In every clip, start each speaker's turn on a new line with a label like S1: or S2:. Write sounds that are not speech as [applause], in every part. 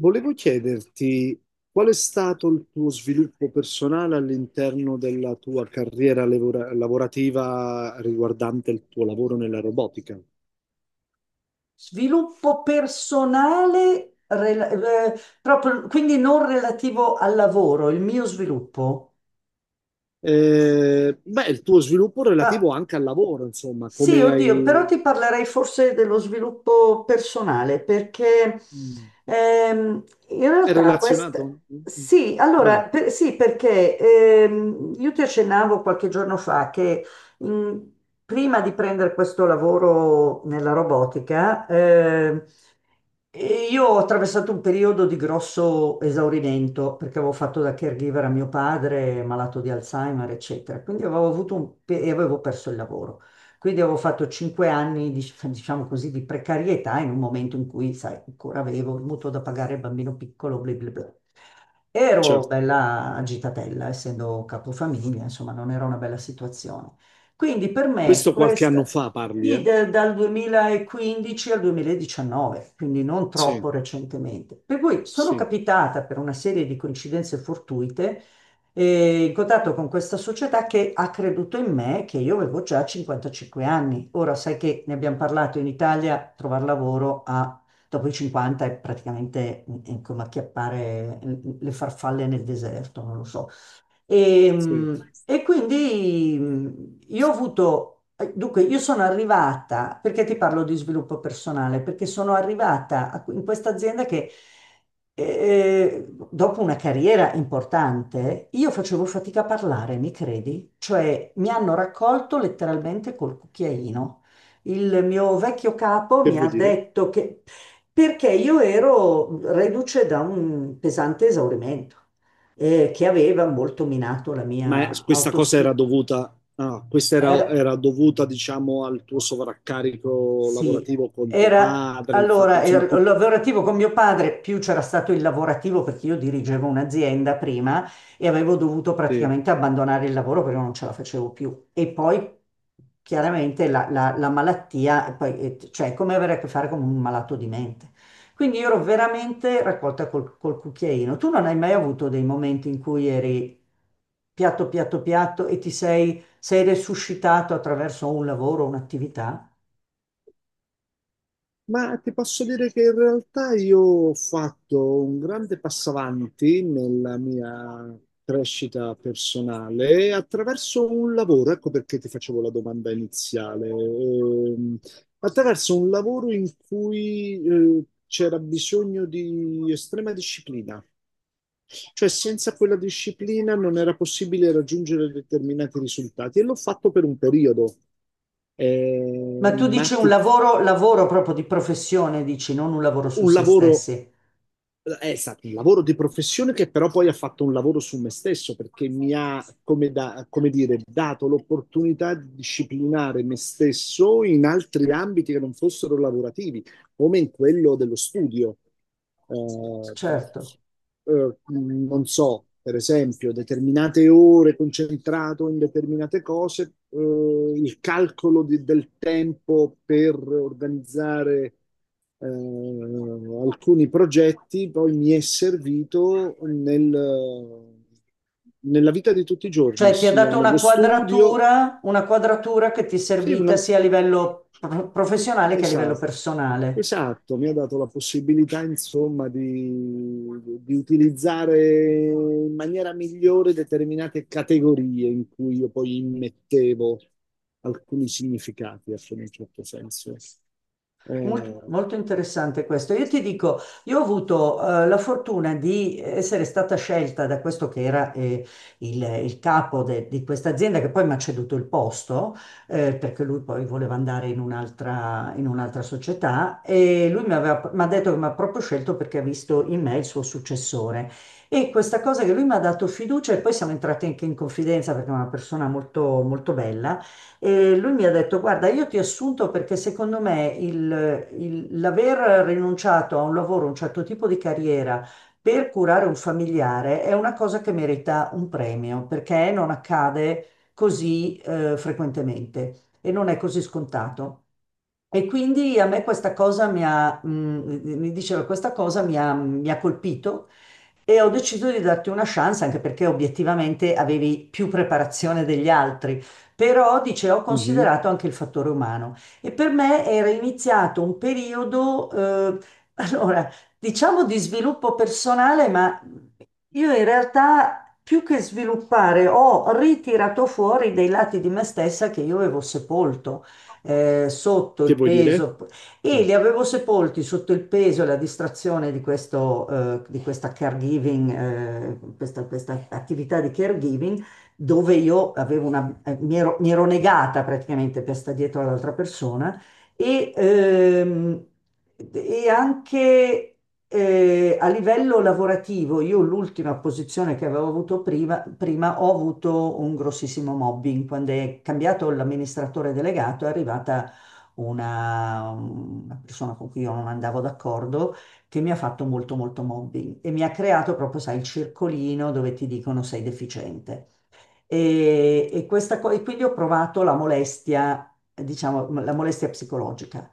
S1: Volevo chiederti qual è stato il tuo sviluppo personale all'interno della tua carriera lavorativa riguardante il tuo lavoro nella robotica?
S2: Sviluppo personale, proprio, quindi non relativo al lavoro, il mio sviluppo.
S1: Beh, il tuo sviluppo
S2: Ma,
S1: relativo anche al lavoro, insomma,
S2: sì,
S1: come
S2: oddio, però
S1: hai...
S2: ti parlerei forse dello sviluppo personale, perché
S1: Mm,
S2: ehm, in
S1: è
S2: realtà questa...
S1: relazionato? Mm,
S2: Sì,
S1: vai,
S2: allora, sì, perché io ti accennavo qualche giorno fa che mm, prima di prendere questo lavoro nella robotica, E io ho attraversato un periodo di grosso esaurimento perché avevo fatto da caregiver a mio padre, malato di Alzheimer, eccetera. Quindi avevo avuto e avevo perso il lavoro. Quindi avevo fatto 5 anni, diciamo così, di precarietà in un momento in cui, sai, ancora avevo il mutuo da pagare, il bambino piccolo, bla bla bla. Ero
S1: certo.
S2: bella agitatella, essendo capofamiglia, insomma, non era una bella situazione. Quindi per me
S1: Questo qualche anno
S2: questa,
S1: fa parli,
S2: sì,
S1: eh?
S2: dal 2015 al 2019, quindi non
S1: Sì,
S2: troppo recentemente. Per cui sono
S1: sì,
S2: capitata per una serie di coincidenze fortuite in contatto con questa società che ha creduto in me, che io avevo già 55 anni. Ora sai che ne abbiamo parlato in Italia, trovare lavoro dopo i 50 è praticamente come acchiappare le farfalle nel deserto, non lo so. E,
S1: sì.
S2: mh, e quindi io ho avuto, dunque, io sono arrivata, perché ti parlo di sviluppo personale? Perché sono arrivata in questa azienda che dopo una carriera importante, io facevo fatica a parlare, mi credi? Cioè, mi hanno raccolto letteralmente col cucchiaino. Il mio vecchio capo
S1: Che
S2: mi ha
S1: vuoi dire?
S2: detto che perché io ero reduce da un pesante esaurimento che aveva molto minato la
S1: Ma
S2: mia
S1: questa cosa
S2: autostima.
S1: era dovuta, ah, questa era,
S2: Era-
S1: era dovuta, diciamo, al tuo sovraccarico
S2: Sì,
S1: lavorativo con tuo
S2: era,
S1: padre, il fatto,
S2: allora
S1: insomma, tu...
S2: lavorativo con mio padre, più c'era stato il lavorativo perché io dirigevo un'azienda prima e avevo dovuto
S1: sì.
S2: praticamente abbandonare il lavoro perché non ce la facevo più. E poi chiaramente la malattia, poi, cioè è come avere a che fare con un malato di mente. Quindi io ero veramente raccolta col cucchiaino. Tu non hai mai avuto dei momenti in cui eri piatto, piatto, piatto e ti sei resuscitato attraverso un lavoro, un'attività?
S1: Ma ti posso dire che in realtà io ho fatto un grande passo avanti nella mia crescita personale attraverso un lavoro, ecco perché ti facevo la domanda iniziale, attraverso un lavoro in cui c'era bisogno di estrema disciplina. Cioè, senza quella disciplina non era possibile raggiungere determinati risultati e l'ho fatto per un periodo.
S2: Ma tu
S1: Ma
S2: dici un
S1: ti-
S2: lavoro, lavoro proprio di professione, dici, non un lavoro su
S1: un
S2: se
S1: lavoro,
S2: stessi.
S1: è stato un lavoro di professione che però poi ha fatto un lavoro su me stesso perché mi ha, come, come dire, dato l'opportunità di disciplinare me stesso in altri ambiti che non fossero lavorativi, come in quello dello studio. Eh,
S2: Certo.
S1: non so, per esempio, determinate ore concentrato in determinate cose, il calcolo del tempo per organizzare alcuni progetti poi mi è servito nella vita di tutti i giorni,
S2: Cioè ti ha
S1: sia
S2: dato
S1: nello studio
S2: una quadratura che ti è
S1: sì,
S2: servita
S1: una-
S2: sia a livello professionale che a livello
S1: esatto,
S2: personale.
S1: esatto, mi ha dato la possibilità, insomma, di utilizzare in maniera migliore determinate categorie in cui io poi immettevo alcuni significati, ecco, in un certo senso. Eh,
S2: Molto interessante questo. Io ti dico, io ho avuto la fortuna di essere stata scelta da questo che era il capo di questa azienda, che poi mi ha ceduto il posto, perché lui poi voleva andare in un'altra società e mi ha detto che mi ha proprio scelto perché ha visto in me il suo successore. E questa cosa che lui mi ha dato fiducia e poi siamo entrati anche in confidenza perché è una persona molto, molto bella. E lui mi ha detto: "Guarda, io ti ho assunto perché secondo me l'aver rinunciato a un lavoro, un certo tipo di carriera per curare un familiare è una cosa che merita un premio perché non accade così frequentemente e non è così scontato." E quindi a me questa cosa mi ha, mm, mi diceva, questa cosa mi ha colpito, e ho deciso di darti una chance anche perché obiettivamente avevi più preparazione degli altri, però, dice, ho
S1: mhm.
S2: considerato anche il fattore umano. E per me era iniziato un periodo, allora, diciamo, di sviluppo personale, ma io in realtà, più che sviluppare, ho ritirato fuori dei lati di me stessa che io avevo sepolto sotto il
S1: Che vuoi dire?
S2: peso, e
S1: Mm.
S2: li avevo sepolti sotto il peso e la distrazione di questo, di questa caregiving, questa attività di caregiving, dove io avevo mi ero negata praticamente per stare dietro all'altra persona. E, ehm, e anche, a livello lavorativo, io l'ultima posizione che avevo avuto prima ho avuto un grossissimo mobbing. Quando è cambiato l'amministratore delegato è arrivata una persona con cui io non andavo d'accordo, che mi ha fatto molto molto mobbing e mi ha creato proprio, sai, il circolino dove ti dicono: "Sei deficiente". E e quindi ho provato la molestia, diciamo, la molestia psicologica.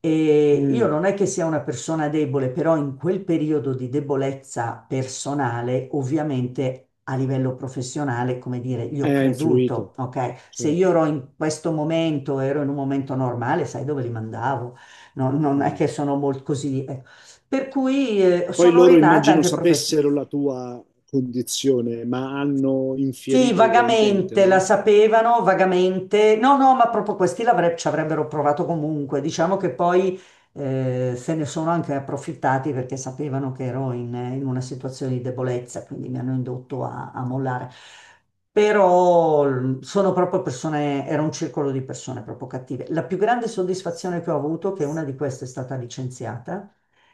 S2: E io
S1: Mm.
S2: non è che sia una persona debole, però in quel periodo di debolezza personale, ovviamente a livello professionale, come dire, gli ho
S1: Ha
S2: creduto,
S1: influito,
S2: ok? Se
S1: certo.
S2: io ero in questo momento, ero in un momento normale, sai dove li mandavo? Non è che
S1: Mm.
S2: sono molto così. Per cui
S1: Poi
S2: sono
S1: loro
S2: rinata
S1: immagino
S2: anche professionalmente.
S1: sapessero la tua condizione, ma hanno
S2: Sì,
S1: infierito ugualmente,
S2: vagamente la
S1: no?
S2: sapevano, vagamente. No, no, ma proprio questi ci avrebbero provato comunque. Diciamo che poi se ne sono anche approfittati perché sapevano che ero in una situazione di debolezza, quindi mi hanno indotto a mollare. Però sono proprio persone, era un circolo di persone proprio cattive. La più grande soddisfazione che ho avuto è che una di queste è stata licenziata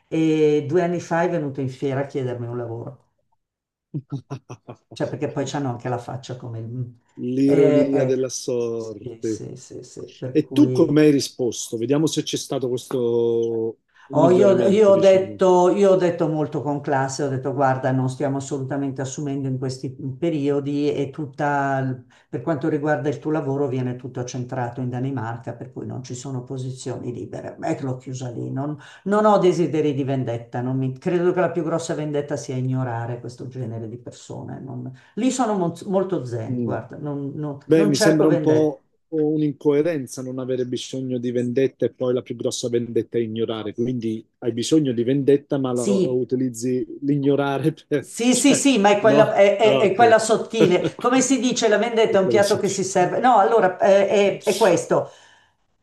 S2: e 2 anni fa è venuta in fiera a chiedermi un lavoro. Cioè, perché poi
S1: [laughs]
S2: c'hanno anche la faccia come il...
S1: L'ironia
S2: ecco.
S1: della
S2: Sì,
S1: sorte.
S2: sì, sì, sì, per
S1: E tu come
S2: cui...
S1: hai risposto? Vediamo se c'è stato questo
S2: Oh,
S1: miglioramento, diciamo.
S2: io ho detto molto con classe, ho detto: "Guarda, non stiamo assolutamente assumendo in questi periodi, e tutta, per quanto riguarda il tuo lavoro, viene tutto centrato in Danimarca, per cui non ci sono posizioni libere." E l'ho chiusa lì, non ho desideri di vendetta, non mi- credo che la più grossa vendetta sia ignorare questo genere di persone. Lì sono molto zen,
S1: Mm.
S2: guarda, non, non
S1: Beh,
S2: non
S1: mi
S2: cerco
S1: sembra un
S2: vendetta.
S1: po' un'incoerenza non avere bisogno di vendetta e poi la più grossa vendetta è ignorare. Quindi hai bisogno di vendetta, ma la
S2: Sì.
S1: utilizzi l'ignorare per... [laughs]
S2: Sì, sì,
S1: Cioè,
S2: sì, ma è quella,
S1: no?
S2: è- è-
S1: Ah,
S2: è quella
S1: ok.
S2: sottile. Come si dice, la
S1: [laughs]
S2: vendetta
S1: È
S2: è un
S1: quella
S2: piatto che si
S1: sottile.
S2: serve. No, allora è
S1: [laughs]
S2: questo.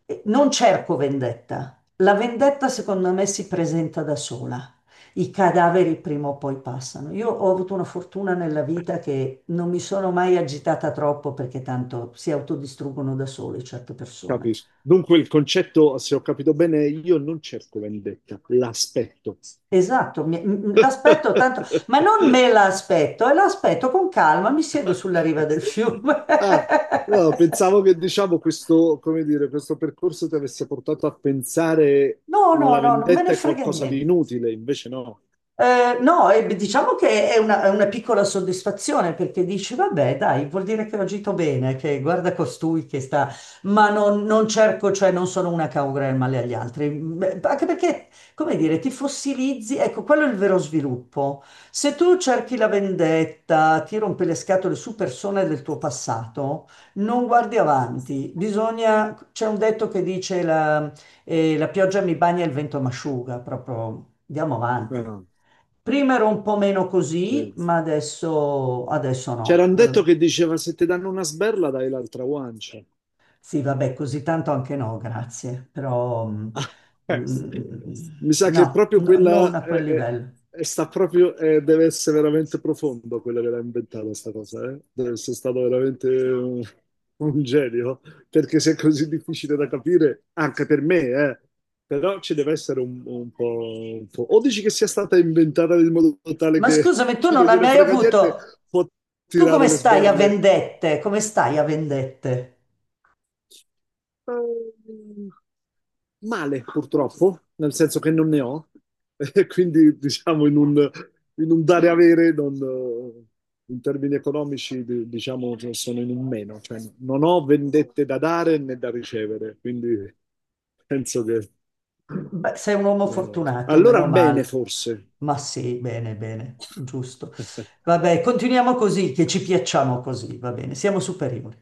S2: Non cerco vendetta. La vendetta, secondo me, si presenta da sola. I cadaveri prima o poi passano. Io ho avuto una fortuna nella vita: che non mi sono mai agitata troppo perché tanto si autodistruggono da sole certe persone.
S1: Capisco. Dunque il concetto, se ho capito bene, io non cerco vendetta, l'aspetto.
S2: Esatto, l'aspetto tanto, ma non
S1: [laughs]
S2: me l'aspetto, e l'aspetto con calma, mi siedo sulla riva del
S1: Ok.
S2: fiume.
S1: Ah,
S2: [laughs]
S1: no, pensavo che diciamo questo, come dire, questo percorso ti avesse portato a pensare
S2: No, no,
S1: la
S2: no, non me
S1: vendetta
S2: ne
S1: è
S2: frega
S1: qualcosa di
S2: niente.
S1: inutile, invece no.
S2: No, e beh, diciamo che è una, piccola soddisfazione, perché dici: "Vabbè, dai, vuol dire che ho agito bene, che guarda costui che sta..." Ma non cerco, cioè non sono una che augura il male agli altri. Beh, anche perché, come dire, ti fossilizzi, ecco, quello è il vero sviluppo. Se tu cerchi la vendetta, ti rompi le scatole su persone del tuo passato, non guardi avanti. Bisogna... c'è un detto che dice la pioggia mi bagna e il vento m'asciuga, proprio andiamo avanti.
S1: Ah,
S2: Prima ero un po' meno così,
S1: sì.
S2: ma adesso, adesso
S1: C'era
S2: no.
S1: un detto che diceva se ti danno una sberla dai l'altra guancia.
S2: Sì, vabbè, così tanto anche no, grazie, però
S1: [laughs] Ah, eh,
S2: mm, mm,
S1: mi sa che
S2: no,
S1: proprio
S2: no, non
S1: quella
S2: a
S1: è,
S2: quel livello.
S1: sta proprio, deve essere veramente profondo quello che l'ha inventata questa cosa, eh? Deve essere stato veramente un genio, perché se è così difficile da capire, anche per me, eh. Però ci deve essere un po', un po'. O dici che sia stata inventata in modo tale
S2: Ma
S1: che
S2: scusami, tu
S1: chi non
S2: non hai
S1: gliene
S2: mai
S1: frega niente
S2: avuto...
S1: può
S2: Tu
S1: tirare
S2: come
S1: le
S2: stai a
S1: sberle.
S2: vendette? Come stai a vendette?
S1: Ehm, Male, purtroppo, nel senso che non ne ho, [laughs] e quindi diciamo in un dare e avere, non, in termini economici, diciamo che sono in un meno, cioè non ho vendette da dare né da ricevere, quindi [laughs] penso che...
S2: Beh, sei un uomo fortunato,
S1: allora
S2: meno
S1: bene,
S2: male.
S1: forse.
S2: Ma sì, bene, bene, giusto.
S1: [laughs]
S2: Vabbè, continuiamo così, che ci piacciamo così, va bene, siamo superiori.